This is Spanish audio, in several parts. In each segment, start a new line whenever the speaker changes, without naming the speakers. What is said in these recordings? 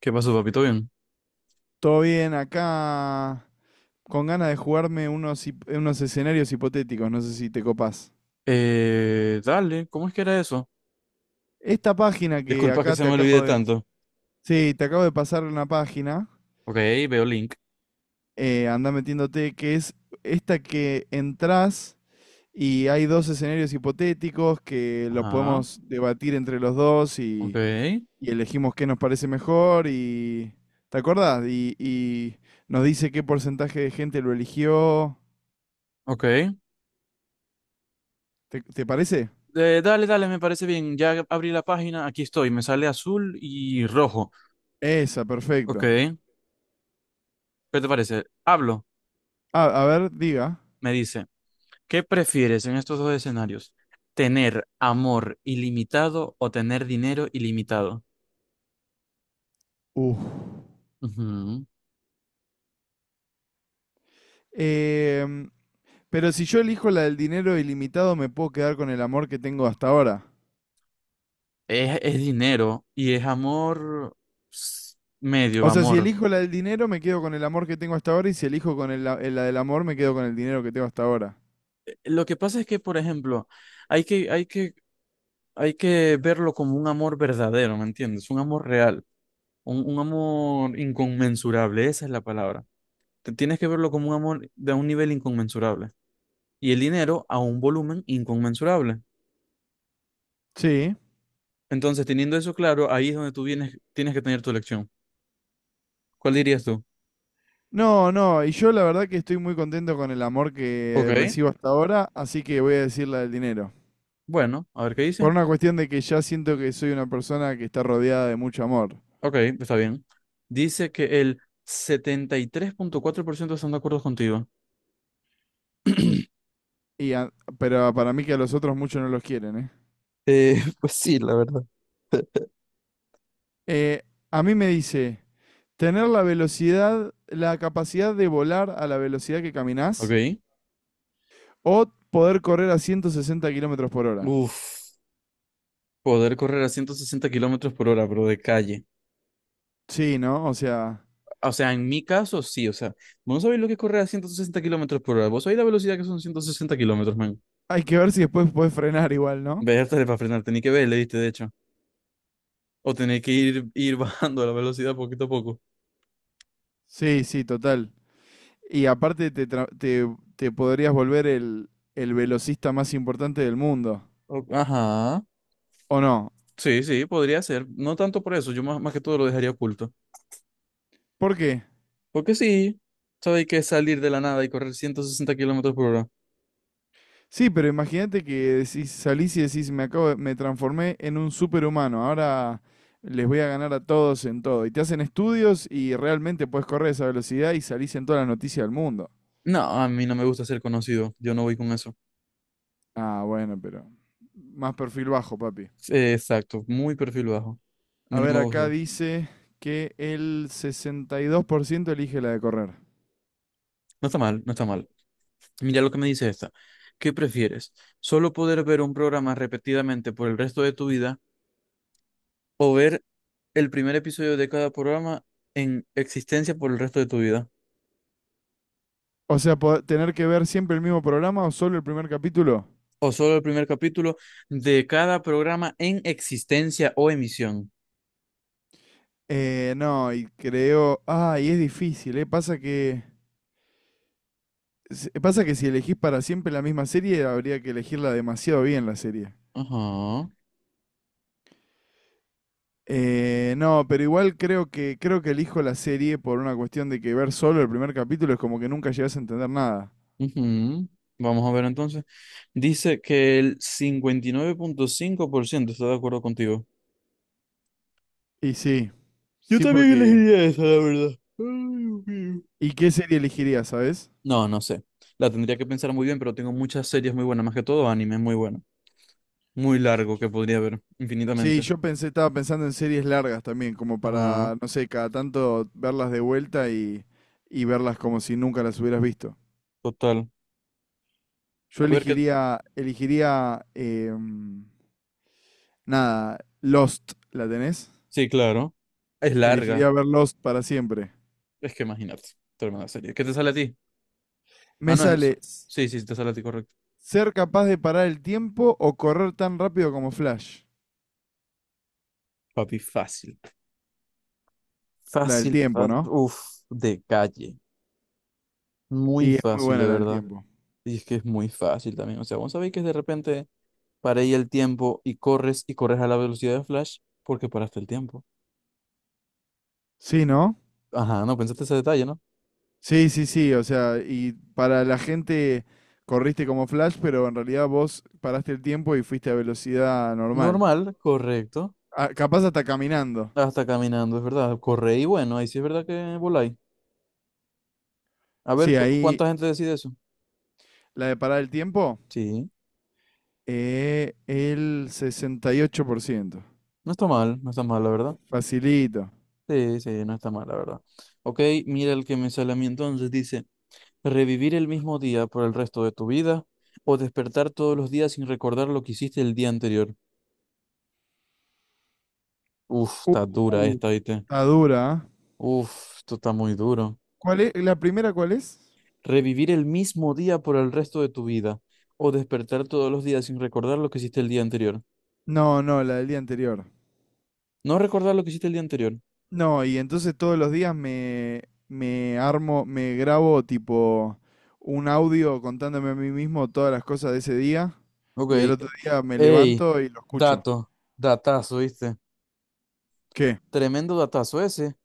¿Qué pasó, papito? Bien.
Todo bien, acá con ganas de jugarme unos, unos escenarios hipotéticos, no sé si te copás.
Dale, ¿cómo es que era eso?
Esta página que
Disculpa que
acá
se
te
me olvide
acabo de...
tanto.
Sí, te acabo de pasar una página.
Ok, veo link.
Andá metiéndote, que es esta que entrás y hay dos escenarios hipotéticos que los
Ajá,
podemos debatir entre los dos
ok,
y elegimos qué nos parece mejor y... ¿Te acordás? Y nos dice qué porcentaje de gente lo eligió.
ok.
¿Te parece?
Dale, dale, me parece bien. Ya abrí la página, aquí estoy. Me sale azul y rojo.
Esa,
Ok,
perfecto.
¿qué te parece? Hablo,
A ver, diga.
me dice. ¿Qué prefieres en estos dos escenarios? ¿Tener amor ilimitado o tener dinero ilimitado?
Uf.
Ujú.
Em, pero si yo elijo la del dinero ilimitado, me puedo quedar con el amor que tengo hasta ahora.
Es dinero y es amor, ps, medio
O sea, si
amor.
elijo la del dinero, me quedo con el amor que tengo hasta ahora. Y si elijo con la del amor, me quedo con el dinero que tengo hasta ahora.
Lo que pasa es que, por ejemplo, hay que, hay que, hay que verlo como un amor verdadero, ¿me entiendes? Un amor real, un amor inconmensurable, esa es la palabra. Tienes que verlo como un amor de un nivel inconmensurable y el dinero a un volumen inconmensurable.
Sí.
Entonces, teniendo eso claro, ahí es donde tú vienes, tienes que tener tu elección. ¿Cuál dirías tú?
No, no. Y yo la verdad que estoy muy contento con el amor
Ok,
que recibo hasta ahora, así que voy a decir la del dinero.
bueno, a ver qué
Por
dice.
una cuestión de que ya siento que soy una persona que está rodeada de mucho amor.
Ok, está bien. Dice que el 73,4% están de acuerdo contigo.
Y a- pero para mí que a los otros muchos no los quieren, ¿eh?
Pues sí, la verdad.
Eh, a mí me dice, tener la velocidad, la capacidad de volar a la velocidad que caminás
Ok.
o poder correr a 160 kilómetros por hora.
Uf, poder correr a 160 kilómetros por hora, pero de calle.
Sí, ¿no? O sea,
O sea, en mi caso, sí. O sea, vos no sabéis lo que es correr a 160 kilómetros por hora. Vos sabéis la velocidad que son 160 kilómetros, man.
hay que ver si después puedes frenar igual, ¿no?
Verte para frenar, tenés que verle, viste, de hecho. O tenés que ir bajando la velocidad poquito a poco.
Sí, sí, total. Y aparte te podrías volver el velocista más importante del mundo.
Ajá.
¿O no?
Sí, sí, podría ser. No tanto por eso, yo más, más que todo lo dejaría oculto.
¿Por qué?
Porque sí, sabéis que salir de la nada y correr 160 kilómetros por hora.
Sí, pero imagínate que decís, salís y decís, me transformé en un superhumano, ahora les voy a ganar a todos en todo. Y te hacen estudios y realmente puedes correr a esa velocidad y salís en todas las noticias del mundo.
No, a mí no me gusta ser conocido. Yo no voy con eso.
Ah, bueno, pero más perfil bajo, papi.
Sí, exacto, muy perfil bajo. A mí
A
no
ver,
me
acá
gusta.
dice que el 62 por ciento elige la de correr.
No está mal, no está mal. Mira lo que me dice esta. ¿Qué prefieres? ¿Solo poder ver un programa repetidamente por el resto de tu vida o ver el primer episodio de cada programa en existencia por el resto de tu vida?
O sea, tener que ver siempre el mismo programa o solo el primer capítulo.
¿O solo el primer capítulo de cada programa en existencia o emisión?
No, y creo... Ah, y es difícil, ¿eh? Pasa que... Pasa que si elegís para siempre la misma serie, habría que elegirla demasiado bien la serie.
Ajá.
No, pero igual creo que elijo la serie por una cuestión de que ver solo el primer capítulo es como que nunca llegás a entender nada.
Ujú. Vamos a ver entonces. Dice que el 59,5% está de acuerdo contigo.
Y sí,
Yo
sí
también
porque...
elegiría esa, la verdad. Ay, Dios mío.
¿Y qué serie elegirías, sabes?
No, no sé. La tendría que pensar muy bien, pero tengo muchas series muy buenas, más que todo anime muy bueno. Muy largo que podría ver
Sí,
infinitamente.
yo pensé, estaba pensando en series largas también, como
Ajá,
para, no sé, cada tanto verlas de vuelta y verlas como si nunca las hubieras visto.
total.
Yo
A ver qué.
elegiría, elegiría, nada, Lost, ¿la tenés?
Sí, claro. Es larga.
Elegiría ver Lost para siempre.
Es que imagínate, toda una serie. ¿Qué te sale a ti? Ah,
Me
no es eso.
sale s-
Sí, sí, te sale a ti, correcto.
ser capaz de parar el tiempo o correr tan rápido como Flash.
Papi, fácil.
La del
Fácil,
tiempo,
fácil.
¿no?
Uf, de calle. Muy
Y es muy
fácil,
buena
de
la del
verdad.
tiempo.
Y es que es muy fácil también. O sea, vos sabéis que de repente paré y el tiempo y corres a la velocidad de Flash porque paraste el tiempo.
Sí, ¿no?
Ajá, no pensaste ese detalle, ¿no?
Sí, sí, sí. O sea, y para la gente corriste como Flash, pero en realidad vos paraste el tiempo y fuiste a velocidad normal.
Normal, correcto.
Ah, capaz hasta caminando.
Hasta caminando, es verdad. Corre y bueno, ahí sí es verdad que voláis. A ver,
Sí,
¿
ahí
¿cuánta gente decide eso?
la de parar el tiempo,
Sí,
el 68 por ciento.
no está mal, no está mal, la verdad.
Facilito.
Sí, sí, no está mal, la verdad. Ok, mira el que me sale a mí entonces. Dice, revivir el mismo día por el resto de tu vida o despertar todos los días sin recordar lo que hiciste el día anterior. Uf, está dura
Uh,
esta, ¿viste?
está dura, ¿ah?
Uf, esto está muy duro.
¿Cuál es? ¿La primera cuál es?
Revivir el mismo día por el resto de tu vida, o despertar todos los días sin recordar lo que hiciste el día anterior.
No, no, la del día anterior.
No recordar lo que hiciste el día anterior.
No, y entonces todos los días me armo, me grabo tipo un audio contándome a mí mismo todas las cosas de ese día
Ok.
y el otro día me
Ey,
levanto y lo escucho.
dato, datazo, ¿viste?
¿Qué?
Tremendo datazo ese.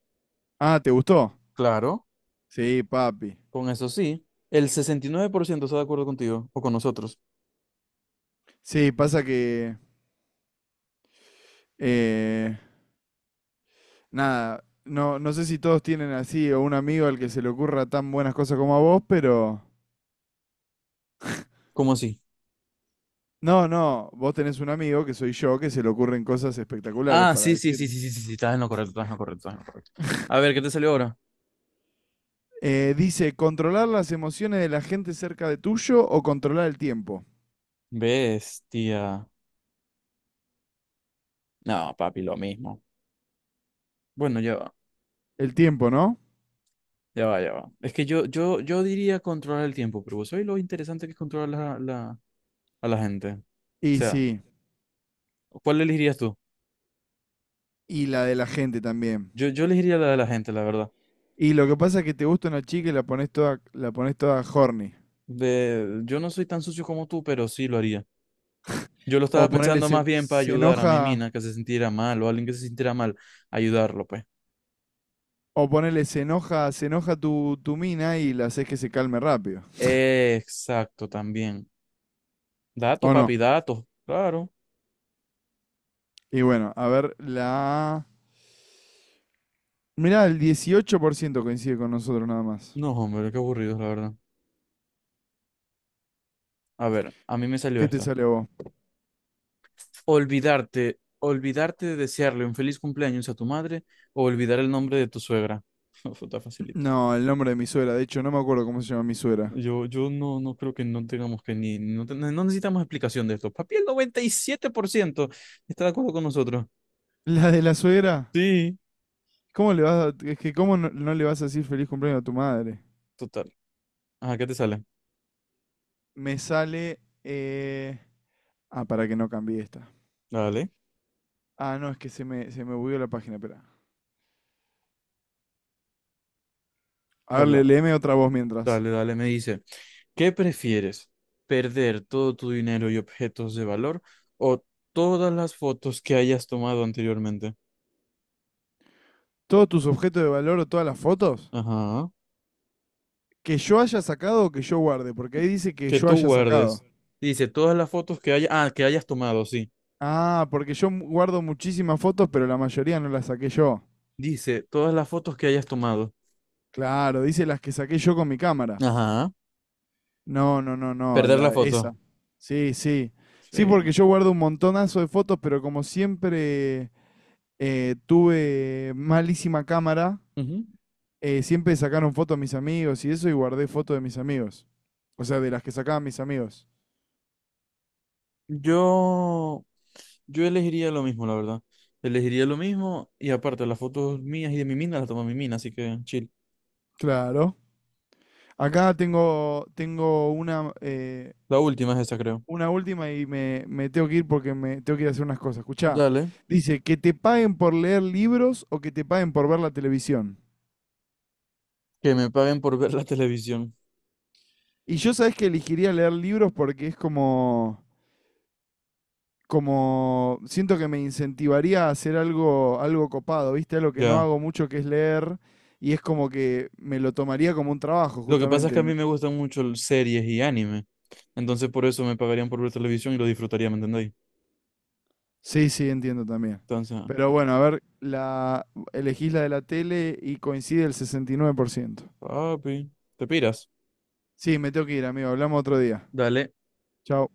Ah, ¿te gustó?
Claro,
Sí, papi.
con eso sí. El 69% está de acuerdo contigo o con nosotros.
Sí, pasa que... eh, nada, no, no sé si todos tienen así o un amigo al que se le ocurra tan buenas cosas como a vos, pero...
¿Cómo así?
No, no, vos tenés un amigo que soy yo que se le ocurren cosas espectaculares
Ah,
para
sí, sí, sí,
decirte.
sí, sí, sí, sí, estás en lo correcto, estás en lo correcto, estás en lo correcto. A ver, ¿qué te salió ahora?
Dice, ¿controlar las emociones de la gente cerca de tuyo o controlar el tiempo?
Bestia. No, papi, lo mismo. Bueno, ya va.
El tiempo, ¿no?
Ya va, ya va. Es que yo diría controlar el tiempo, pero vos sabés lo interesante que es controlar a la gente. O
Y
sea,
sí,
¿cuál elegirías tú?
y la de la gente también.
Yo elegiría la de la gente, la verdad.
Y lo que pasa es que te gusta una chica y la pones toda horny.
Yo no soy tan sucio como tú, pero sí lo haría. Yo lo
O
estaba
ponerle
pensando más
se,
bien para
se
ayudar a mi
enoja,
mina que se sintiera mal o a alguien que se sintiera mal, ayudarlo, pues.
o ponerle se enoja tu mina y la haces que se calme rápido.
Exacto, también. Datos,
¿O no?
papi, datos. Claro.
Y bueno, a ver, la... Mirá, el 18% coincide con nosotros nada más.
No, hombre, qué aburrido, la verdad. A ver, a mí me salió
¿Qué te
esta.
sale a vos?
Olvidarte de desearle un feliz cumpleaños a tu madre o olvidar el nombre de tu suegra. Eso está facilito.
No, el nombre de mi suegra. De hecho, no me acuerdo cómo se llama mi suegra.
Yo no creo que no tengamos que ni, no, no necesitamos explicación de esto. Papi, el 97% está de acuerdo con nosotros.
¿La de la suegra?
Sí,
¿Cómo le vas a, es que cómo no, no le vas a decir feliz cumpleaños a tu madre?
total. Ajá, ¿qué te sale?
Me sale... eh, ah, para que no cambie esta.
Dale,
Ah, no, es que se me bugueó la página, espera. A ver,
habla.
léeme otra voz mientras.
Dale, dale, me dice. ¿Qué prefieres? ¿Perder todo tu dinero y objetos de valor o todas las fotos que hayas tomado anteriormente?
¿Todos tus objetos de valor o todas las fotos?
Ajá.
¿Que yo haya sacado o que yo guarde? Porque ahí dice que
Que
yo
tú
haya sacado.
guardes. Dice, todas las fotos que haya, ah, que hayas tomado, sí.
Ah, porque yo guardo muchísimas fotos, pero la mayoría no las saqué yo.
Dice, todas las fotos que hayas tomado.
Claro, dice las que saqué yo con mi cámara.
Ajá.
No, no, no, no,
Perder la
la,
foto.
esa. Sí, sí. Sí,
Sí.
porque yo guardo un montonazo de fotos, pero como siempre tuve malísima cámara,
Ujú.
siempre sacaron fotos mis amigos y eso, y guardé fotos de mis amigos. O sea, de las que sacaban mis amigos.
Yo, yo elegiría lo mismo, la verdad. Elegiría lo mismo y aparte las fotos mías y de mi mina las toma mi mina, así que chill.
Claro. Acá tengo, tengo
La última es esa, creo.
una última y me tengo que ir porque me tengo que ir a hacer unas cosas. Escuchá,
Dale,
dice, que te paguen por leer libros o que te paguen por ver la televisión.
que me paguen por ver la televisión.
Y yo sabes que elegiría leer libros porque es como, como, siento que me incentivaría a hacer algo, algo copado, ¿viste? Algo que no
Ya.
hago mucho que es leer y es como que me lo tomaría como un trabajo,
Lo que pasa es que a
justamente.
mí me gustan mucho series y anime. Entonces por eso me pagarían por ver televisión y lo disfrutaría, ¿me entendéis?
Sí, sí, entiendo también.
Entonces,
Pero bueno, a ver, la, elegís la de la tele y coincide el 69 por ciento.
papi, te piras.
Sí, me tengo que ir, amigo. Hablamos otro día.
Dale.
Chao.